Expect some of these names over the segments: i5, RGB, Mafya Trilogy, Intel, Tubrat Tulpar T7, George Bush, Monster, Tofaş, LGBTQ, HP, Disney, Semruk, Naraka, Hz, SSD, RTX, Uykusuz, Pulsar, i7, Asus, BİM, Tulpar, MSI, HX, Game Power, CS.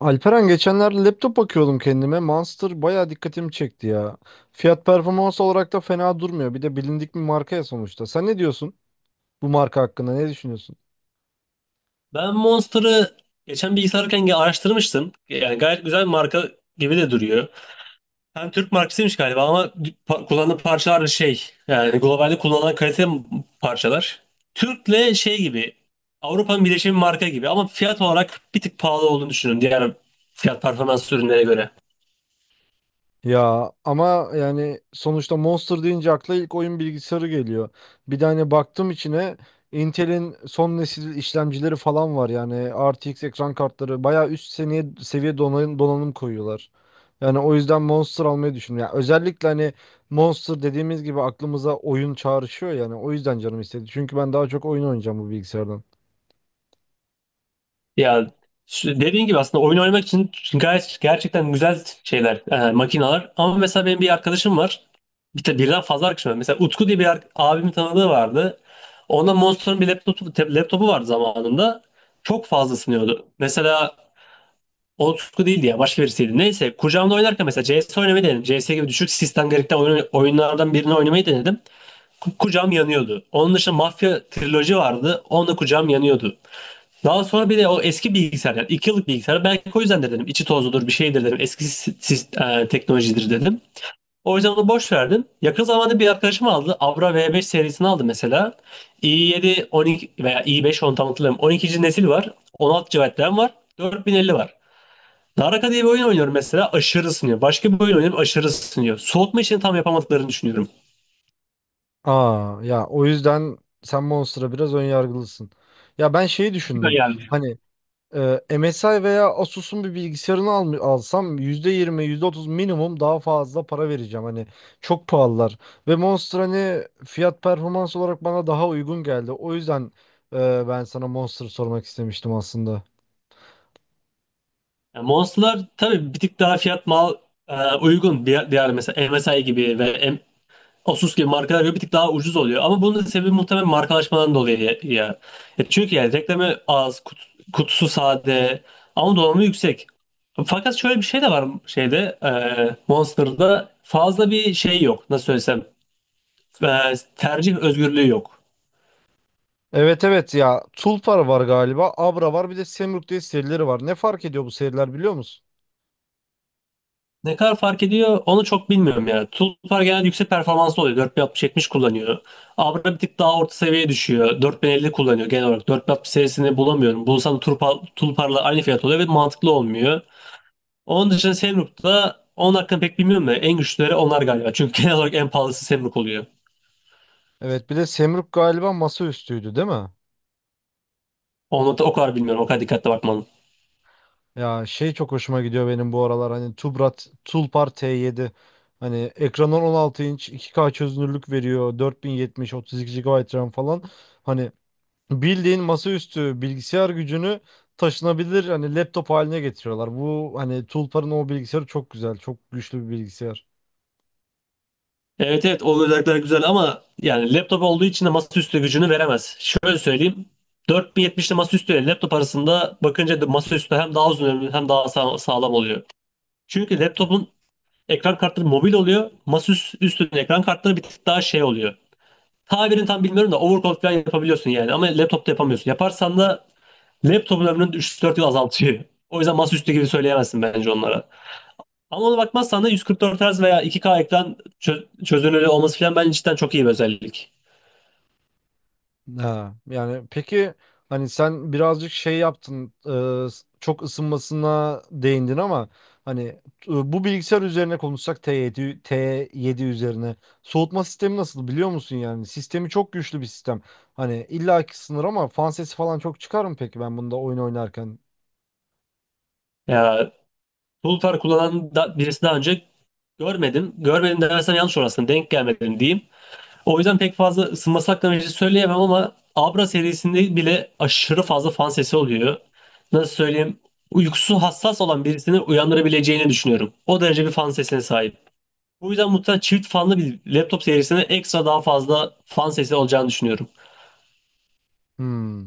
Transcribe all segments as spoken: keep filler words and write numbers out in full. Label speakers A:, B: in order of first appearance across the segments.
A: Alperen geçenlerde laptop bakıyordum kendime. Monster bayağı dikkatimi çekti ya. Fiyat performans olarak da fena durmuyor. Bir de bilindik bir marka ya sonuçta. Sen ne diyorsun bu marka hakkında? Ne düşünüyorsun?
B: Ben Monster'ı geçen bilgisayarken ge- araştırmıştım. Yani gayet güzel bir marka gibi de duruyor. Hem Türk markasıymış galiba ama pa- kullandığı parçalar da şey yani globalde kullanılan kalite parçalar. Türk'le şey gibi Avrupa'nın birleşimi marka gibi ama fiyat olarak bir tık pahalı olduğunu düşünün diğer fiyat performans ürünlere göre.
A: Ya ama yani sonuçta Monster deyince akla ilk oyun bilgisayarı geliyor. Bir de hani baktım içine Intel'in son nesil işlemcileri falan var, yani R T X ekran kartları bayağı üst seviye seviye donanım, donanım koyuyorlar. Yani o yüzden Monster almayı düşünüyorum. Yani özellikle hani Monster dediğimiz gibi aklımıza oyun çağrışıyor, yani o yüzden canım istedi. Çünkü ben daha çok oyun oynayacağım bu bilgisayardan.
B: Ya sü- dediğin gibi aslında oyun oynamak için gayet gerçekten güzel şeyler, e, makineler. Ama mesela benim bir arkadaşım var. Bir de birden fazla arkadaşım var. Mesela Utku diye bir ar- abimin tanıdığı vardı. Onda Monster'ın bir laptopu, te- laptopu vardı zamanında. Çok fazla ısınıyordu. Mesela o Utku değildi ya, başka birisiydi. Neyse, kucağımda oynarken mesela C S oynamayı denedim. C S gibi düşük sistem gerektiren oyun- oyunlardan birini oynamayı denedim. Ku- Kucağım yanıyordu. Onun dışında Mafya Trilogy vardı. Onda kucağım yanıyordu. Daha sonra bir de o eski bilgisayar, yani iki yıllık bilgisayar, belki o yüzden de dedim içi tozludur bir şeydir dedim, eski sis- sis- e, teknolojidir dedim. O yüzden onu boş verdim. Yakın zamanda bir arkadaşım aldı. Avra V beş serisini aldı mesela. i yedi on iki veya i beş, onu tam hatırlamıyorum. on ikinci nesil var. on altı gigabayt RAM var. dört bin elli var. Naraka diye bir oyun oynuyorum mesela. Aşırı ısınıyor. Başka bir oyun oynuyorum. Aşırı ısınıyor. Soğutma işini tam yapamadıklarını düşünüyorum.
A: Aa ya, o yüzden sen Monster'a biraz ön yargılısın. Ya ben şeyi
B: Süper.
A: düşündüm.
B: Yani
A: Hani e, M S I veya Asus'un bir bilgisayarını al, alsam yüzde yirmi yüzde otuz minimum daha fazla para vereceğim. Hani çok pahalılar. Ve Monster hani fiyat performans olarak bana daha uygun geldi. O yüzden e, ben sana Monster sormak istemiştim aslında.
B: Yani Monster'lar tabii bir tık daha fiyat mal e, uygun. Diğer, diğer mesela M S I gibi ve M- Asus gibi markalar böyle bir tık daha ucuz oluyor. Ama bunun da sebebi muhtemelen markalaşmadan dolayı ya. ya. E çünkü yani reklamı az, kut, kutusu sade ama donanımı yüksek. Fakat şöyle bir şey de var, şeyde e, Monster'da fazla bir şey yok. Nasıl söylesem, e, tercih özgürlüğü yok.
A: Evet evet ya, Tulpar var galiba, Abra var, bir de Semruk diye serileri var. Ne fark ediyor bu seriler, biliyor musun?
B: Ne kadar fark ediyor onu çok bilmiyorum ya. Tulpar genelde yüksek performanslı oluyor. kırk altmıştan yetmişe kullanıyor. Abra bir tık daha orta seviyeye düşüyor. dört bin elli kullanıyor genel olarak. dört bin altmış serisini bulamıyorum. Bulsam da Tulpar, Tulpar'la aynı fiyat oluyor ve mantıklı olmuyor. Onun dışında Semruk'ta, onun hakkında pek bilmiyorum da en güçlüleri onlar galiba. Çünkü genel olarak en pahalısı Semruk oluyor.
A: Evet, bir de Semruk galiba masaüstüydü değil mi?
B: Onu da o kadar bilmiyorum. O kadar dikkatli bakmalım.
A: Ya şey, çok hoşuma gidiyor benim bu aralar hani Tubrat Tulpar T yedi. Hani ekranı on altı inç, iki k çözünürlük veriyor, dört bin yetmiş, otuz iki G B RAM falan, hani bildiğin masaüstü bilgisayar gücünü taşınabilir hani laptop haline getiriyorlar. Bu hani Tulpar'ın o bilgisayarı çok güzel, çok güçlü bir bilgisayar.
B: Evet evet, o özellikler güzel ama yani laptop olduğu için de masaüstü gücünü veremez. Şöyle söyleyeyim. dört bin yetmiş ile masaüstü ile laptop arasında bakınca da masaüstü hem daha uzun ömürlü hem daha sağ- sağlam oluyor. Çünkü laptopun ekran kartları mobil oluyor. Masaüstünün ekran kartları bir tık daha şey oluyor. Tabirini tam bilmiyorum da overclock falan yapabiliyorsun yani, ama laptopta yapamıyorsun. Yaparsan da laptopun ömrünü üç dört yıl azaltıyor. O yüzden masaüstü gibi söyleyemezsin bence onlara. Ama ona bakmazsan da yüz kırk dört Hz veya iki k ekran çö- çözünürlüğü olması falan bence cidden çok iyi bir özellik.
A: Ha, yani peki, hani sen birazcık şey yaptın, e, s- çok ısınmasına değindin ama hani e, bu bilgisayar üzerine konuşsak, T yedi, T yedi üzerine soğutma sistemi nasıl biliyor musun? Yani sistemi çok güçlü bir sistem, hani illaki sınır, ama fan sesi falan çok çıkar mı peki ben bunda oyun oynarken?
B: Ya, Pulsar kullanan da birisi, daha önce görmedim. Görmedim dersem yanlış olur, denk gelmedim diyeyim. O yüzden pek fazla ısınması hakkında bir şey söyleyemem, ama Abra serisinde bile aşırı fazla fan sesi oluyor. Nasıl söyleyeyim? Uykusu hassas olan birisini uyandırabileceğini düşünüyorum. O derece bir fan sesine sahip. Bu yüzden muhtemelen çift fanlı bir laptop serisine ekstra daha fazla fan sesi olacağını düşünüyorum.
A: Hmm.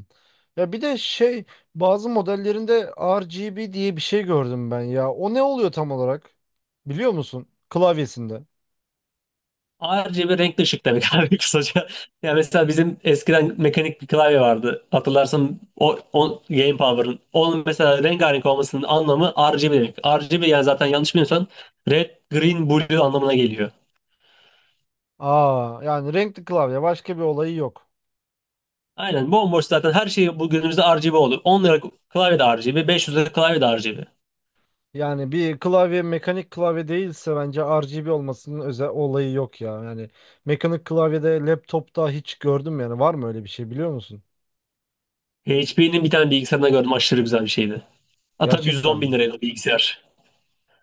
A: Ya bir de şey, bazı modellerinde R G B diye bir şey gördüm ben ya, o ne oluyor tam olarak biliyor musun, klavyesinde?
B: Ayrıca bir renkli ışık demek abi, kısaca. Ya mesela bizim eskiden mekanik bir klavye vardı. Hatırlarsan o, o Game Power'ın. Onun mesela rengarenk olmasının anlamı R G B demek. R G B yani, zaten yanlış bilmiyorsan, red, green, blue anlamına geliyor.
A: Aa, yani renkli klavye, başka bir olayı yok.
B: Aynen, bomboş zaten. Her şey bu günümüzde R G B oldu. On lira klavye de R G B, beş yüz lira klavye de R G B.
A: Yani bir klavye mekanik klavye değilse bence R G B olmasının özel olayı yok ya. Yani mekanik klavyede laptopta hiç gördüm yani, var mı öyle bir şey biliyor musun?
B: H P'nin bir tane bilgisayarında gördüm, aşırı güzel bir şeydi. Hatta
A: Gerçekten
B: yüz on bin
A: mi?
B: liraydı o bilgisayar.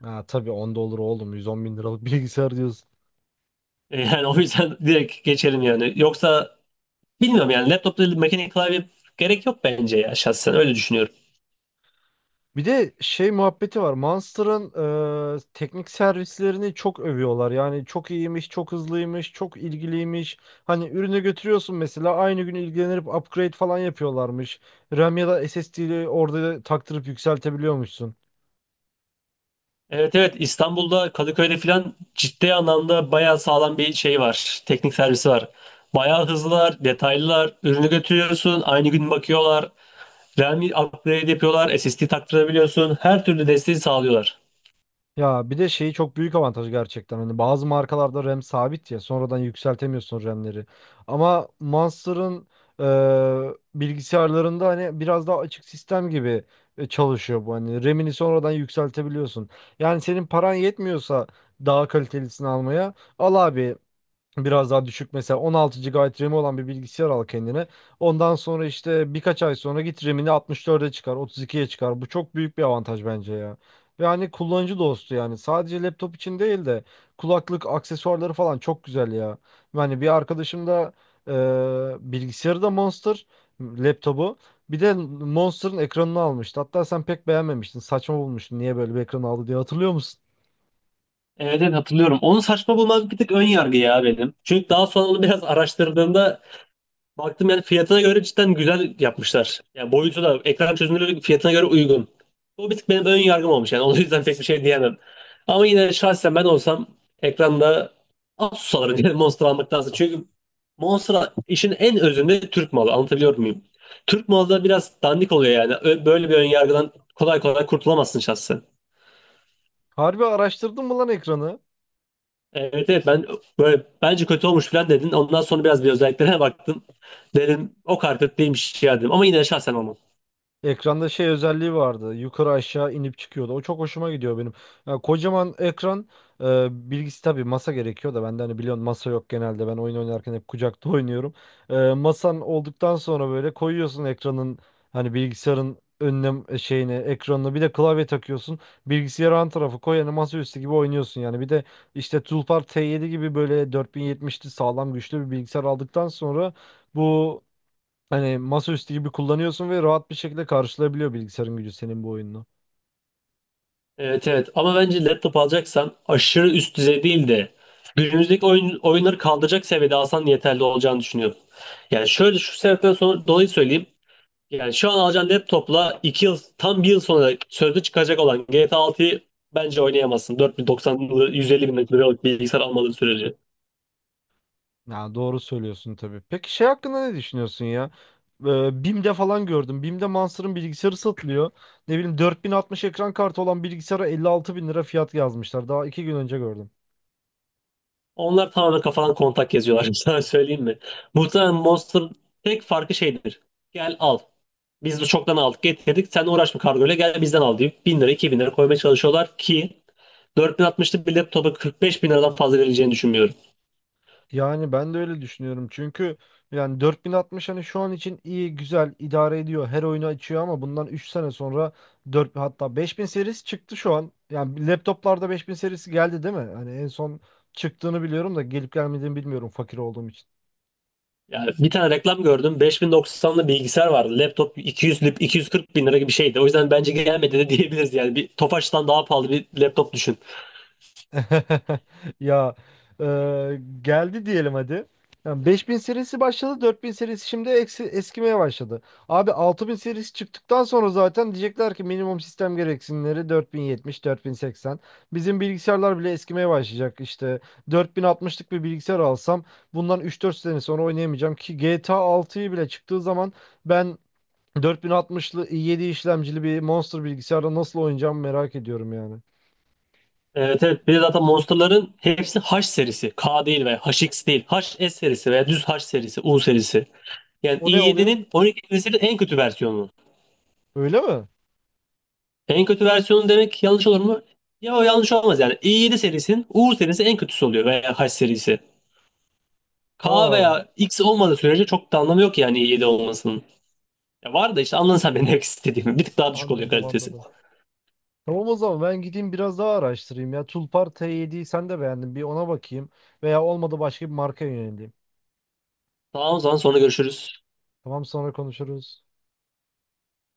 A: Ha tabii, onda olur oğlum, 110 bin liralık bilgisayar diyorsun.
B: E, Yani o yüzden direkt geçelim yani. Yoksa bilmiyorum, yani laptopta mekanik klavye gerek yok bence ya, şahsen öyle düşünüyorum.
A: Bir de şey muhabbeti var. Monster'ın e, teknik servislerini çok övüyorlar. Yani çok iyiymiş, çok hızlıymış, çok ilgiliymiş. Hani ürünü götürüyorsun mesela, aynı gün ilgilenip upgrade falan yapıyorlarmış. RAM ya da S S D'yi orada taktırıp yükseltebiliyormuşsun.
B: Evet evet, İstanbul'da Kadıköy'de filan ciddi anlamda bayağı sağlam bir şey var. Teknik servisi var. Bayağı hızlılar, detaylılar. Ürünü götürüyorsun, aynı gün bakıyorlar. RAM upgrade yapıyorlar, S S D taktırabiliyorsun. Her türlü desteği sağlıyorlar.
A: Ya bir de şeyi çok büyük avantajı gerçekten. Hani bazı markalarda RAM sabit ya. Sonradan yükseltemiyorsun RAM'leri. Ama Monster'ın e, bilgisayarlarında hani biraz daha açık sistem gibi e, çalışıyor bu. Hani RAM'ini sonradan yükseltebiliyorsun. Yani senin paran yetmiyorsa daha kalitelisini almaya, al abi, biraz daha düşük mesela on altı G B RAM'i olan bir bilgisayar al kendine. Ondan sonra işte birkaç ay sonra git RAM'ini altmış dörde çıkar, otuz ikiye çıkar. Bu çok büyük bir avantaj bence ya. Ve hani kullanıcı dostu yani. Sadece laptop için değil de, kulaklık aksesuarları falan çok güzel ya. Yani bir arkadaşım da e, bilgisayarı da Monster laptopu. Bir de Monster'ın ekranını almıştı. Hatta sen pek beğenmemiştin, saçma bulmuştun. Niye böyle bir ekran aldı diye hatırlıyor musun?
B: Evet evet, hatırlıyorum. Onu saçma bulmak bir tık ön yargı ya benim. Çünkü daha sonra onu biraz araştırdığımda baktım, yani fiyatına göre cidden güzel yapmışlar. Yani boyutu da, ekran çözünürlüğü fiyatına göre uygun. Bu bir tık benim ön yargım olmuş yani. O yüzden pek bir şey diyemem. Ama yine şahsen ben olsam ekranda Asus alırım yani, Monster almaktansa. Çünkü Monster işin en özünde Türk malı. Anlatabiliyor muyum? Türk malı da biraz dandik oluyor yani. Ö- Böyle bir ön yargıdan kolay kolay kurtulamazsın şahsen.
A: Harbi araştırdın mı lan ekranı?
B: Evet evet, ben böyle, bence kötü olmuş falan dedin. Ondan sonra biraz bir özelliklerine baktım. Dedim o kadar kötü değilmiş ya dedim. Ama yine de şahsen olmam.
A: Ekranda şey özelliği vardı, yukarı aşağı inip çıkıyordu. O çok hoşuma gidiyor benim. Ya kocaman ekran, e, bilgisi tabii masa gerekiyor da, bende hani biliyorsun masa yok genelde. Ben oyun oynarken hep kucakta oynuyorum. E, masan olduktan sonra böyle koyuyorsun ekranın, hani bilgisayarın önüne, şeyine, ekranına, bir de klavye takıyorsun. Bilgisayarı an tarafı koy, yani masaüstü gibi oynuyorsun yani. Bir de işte Tulpar T yedi gibi böyle dört bin yetmişli sağlam güçlü bir bilgisayar aldıktan sonra bu, hani masaüstü gibi kullanıyorsun ve rahat bir şekilde karşılayabiliyor bilgisayarın gücü senin bu oyununu.
B: Evet evet, ama bence laptop alacaksan aşırı üst düzey değil de günümüzdeki oyun, oyunları kaldıracak seviyede alsan yeterli olacağını düşünüyorum. Yani şöyle şu sebepten sonra dolayı söyleyeyim. Yani şu an alacağın laptopla iki yıl, tam bir yıl sonra sözde çıkacak olan G T A altıyı bence oynayamazsın. dört bin doksanlı yüz elli bin liralık bilgisayar almadığın sürece.
A: Ya doğru söylüyorsun tabii. Peki şey hakkında ne düşünüyorsun ya? Ee, BİM'de falan gördüm. BİM'de Monster'ın bilgisayarı satılıyor. Ne bileyim, dört bin altmış ekran kartı olan bilgisayara 56 bin lira fiyat yazmışlar. Daha iki gün önce gördüm.
B: Onlar tamamen kafadan kontak yazıyorlar. Sana söyleyeyim mi? Muhtemelen monster, tek farkı şeydir. Gel al. Biz bu çoktan aldık getirdik. Sen uğraşma kargoyla, gel bizden al deyip Bin lira iki bin lira koymaya çalışıyorlar ki dört bin altmışlık bir laptopa kırk beş bin liradan fazla verileceğini düşünmüyorum.
A: Yani ben de öyle düşünüyorum. Çünkü yani dört bin altmış hani şu an için iyi, güzel, idare ediyor. Her oyunu açıyor ama bundan üç sene sonra dört, hatta beş bin serisi çıktı şu an. Yani laptoplarda beş bin serisi geldi değil mi? Hani en son çıktığını biliyorum da gelip gelmediğini bilmiyorum fakir olduğum için.
B: Yani bir tane reklam gördüm. beş bin doksanlı bilgisayar vardı. Laptop iki yüz lip- iki yüz kırk bin lira gibi bir şeydi. O yüzden bence gelmedi de diyebiliriz yani. Bir Tofaş'tan daha pahalı bir laptop düşün.
A: Ya e, geldi diyelim hadi. Yani beş bin serisi başladı, dört bin serisi şimdi eksi, eskimeye başladı. Abi altı bin serisi çıktıktan sonra zaten diyecekler ki minimum sistem gereksinimleri dört bin yetmiş, dört bin seksen. Bizim bilgisayarlar bile eskimeye başlayacak işte. dört bin altmışlık bir bilgisayar alsam bundan üç dört sene sonra oynayamayacağım ki, G T A altıyı bile çıktığı zaman ben dört bin altmışlı i yedi işlemcili bir Monster bilgisayarda nasıl oynayacağımı merak ediyorum yani.
B: Evet evet. Bir de zaten Monster'ların hepsi H serisi. K değil veya H X değil. H S serisi veya düz H serisi, U serisi. Yani
A: O ne oluyor?
B: i yedinin on iki serisinin en kötü versiyonu.
A: Öyle mi?
B: En kötü versiyonu demek yanlış olur mu? Ya o yanlış olmaz yani. i yedi serisinin U serisi en kötüsü oluyor veya H serisi. K
A: Aa,
B: veya X olmadığı sürece çok da anlamı yok yani i yedi olmasının. Ya var da, işte anladın sen benim demek istediğimi. Bir tık daha düşük oluyor
A: anladım
B: kalitesi.
A: anladım. Tamam, o zaman ben gideyim biraz daha araştırayım ya. Tulpar T yediyi sen de beğendin. Bir ona bakayım. Veya olmadı başka bir marka yöneleyim.
B: Tamam, o zaman sonra görüşürüz.
A: Tamam, sonra konuşuruz.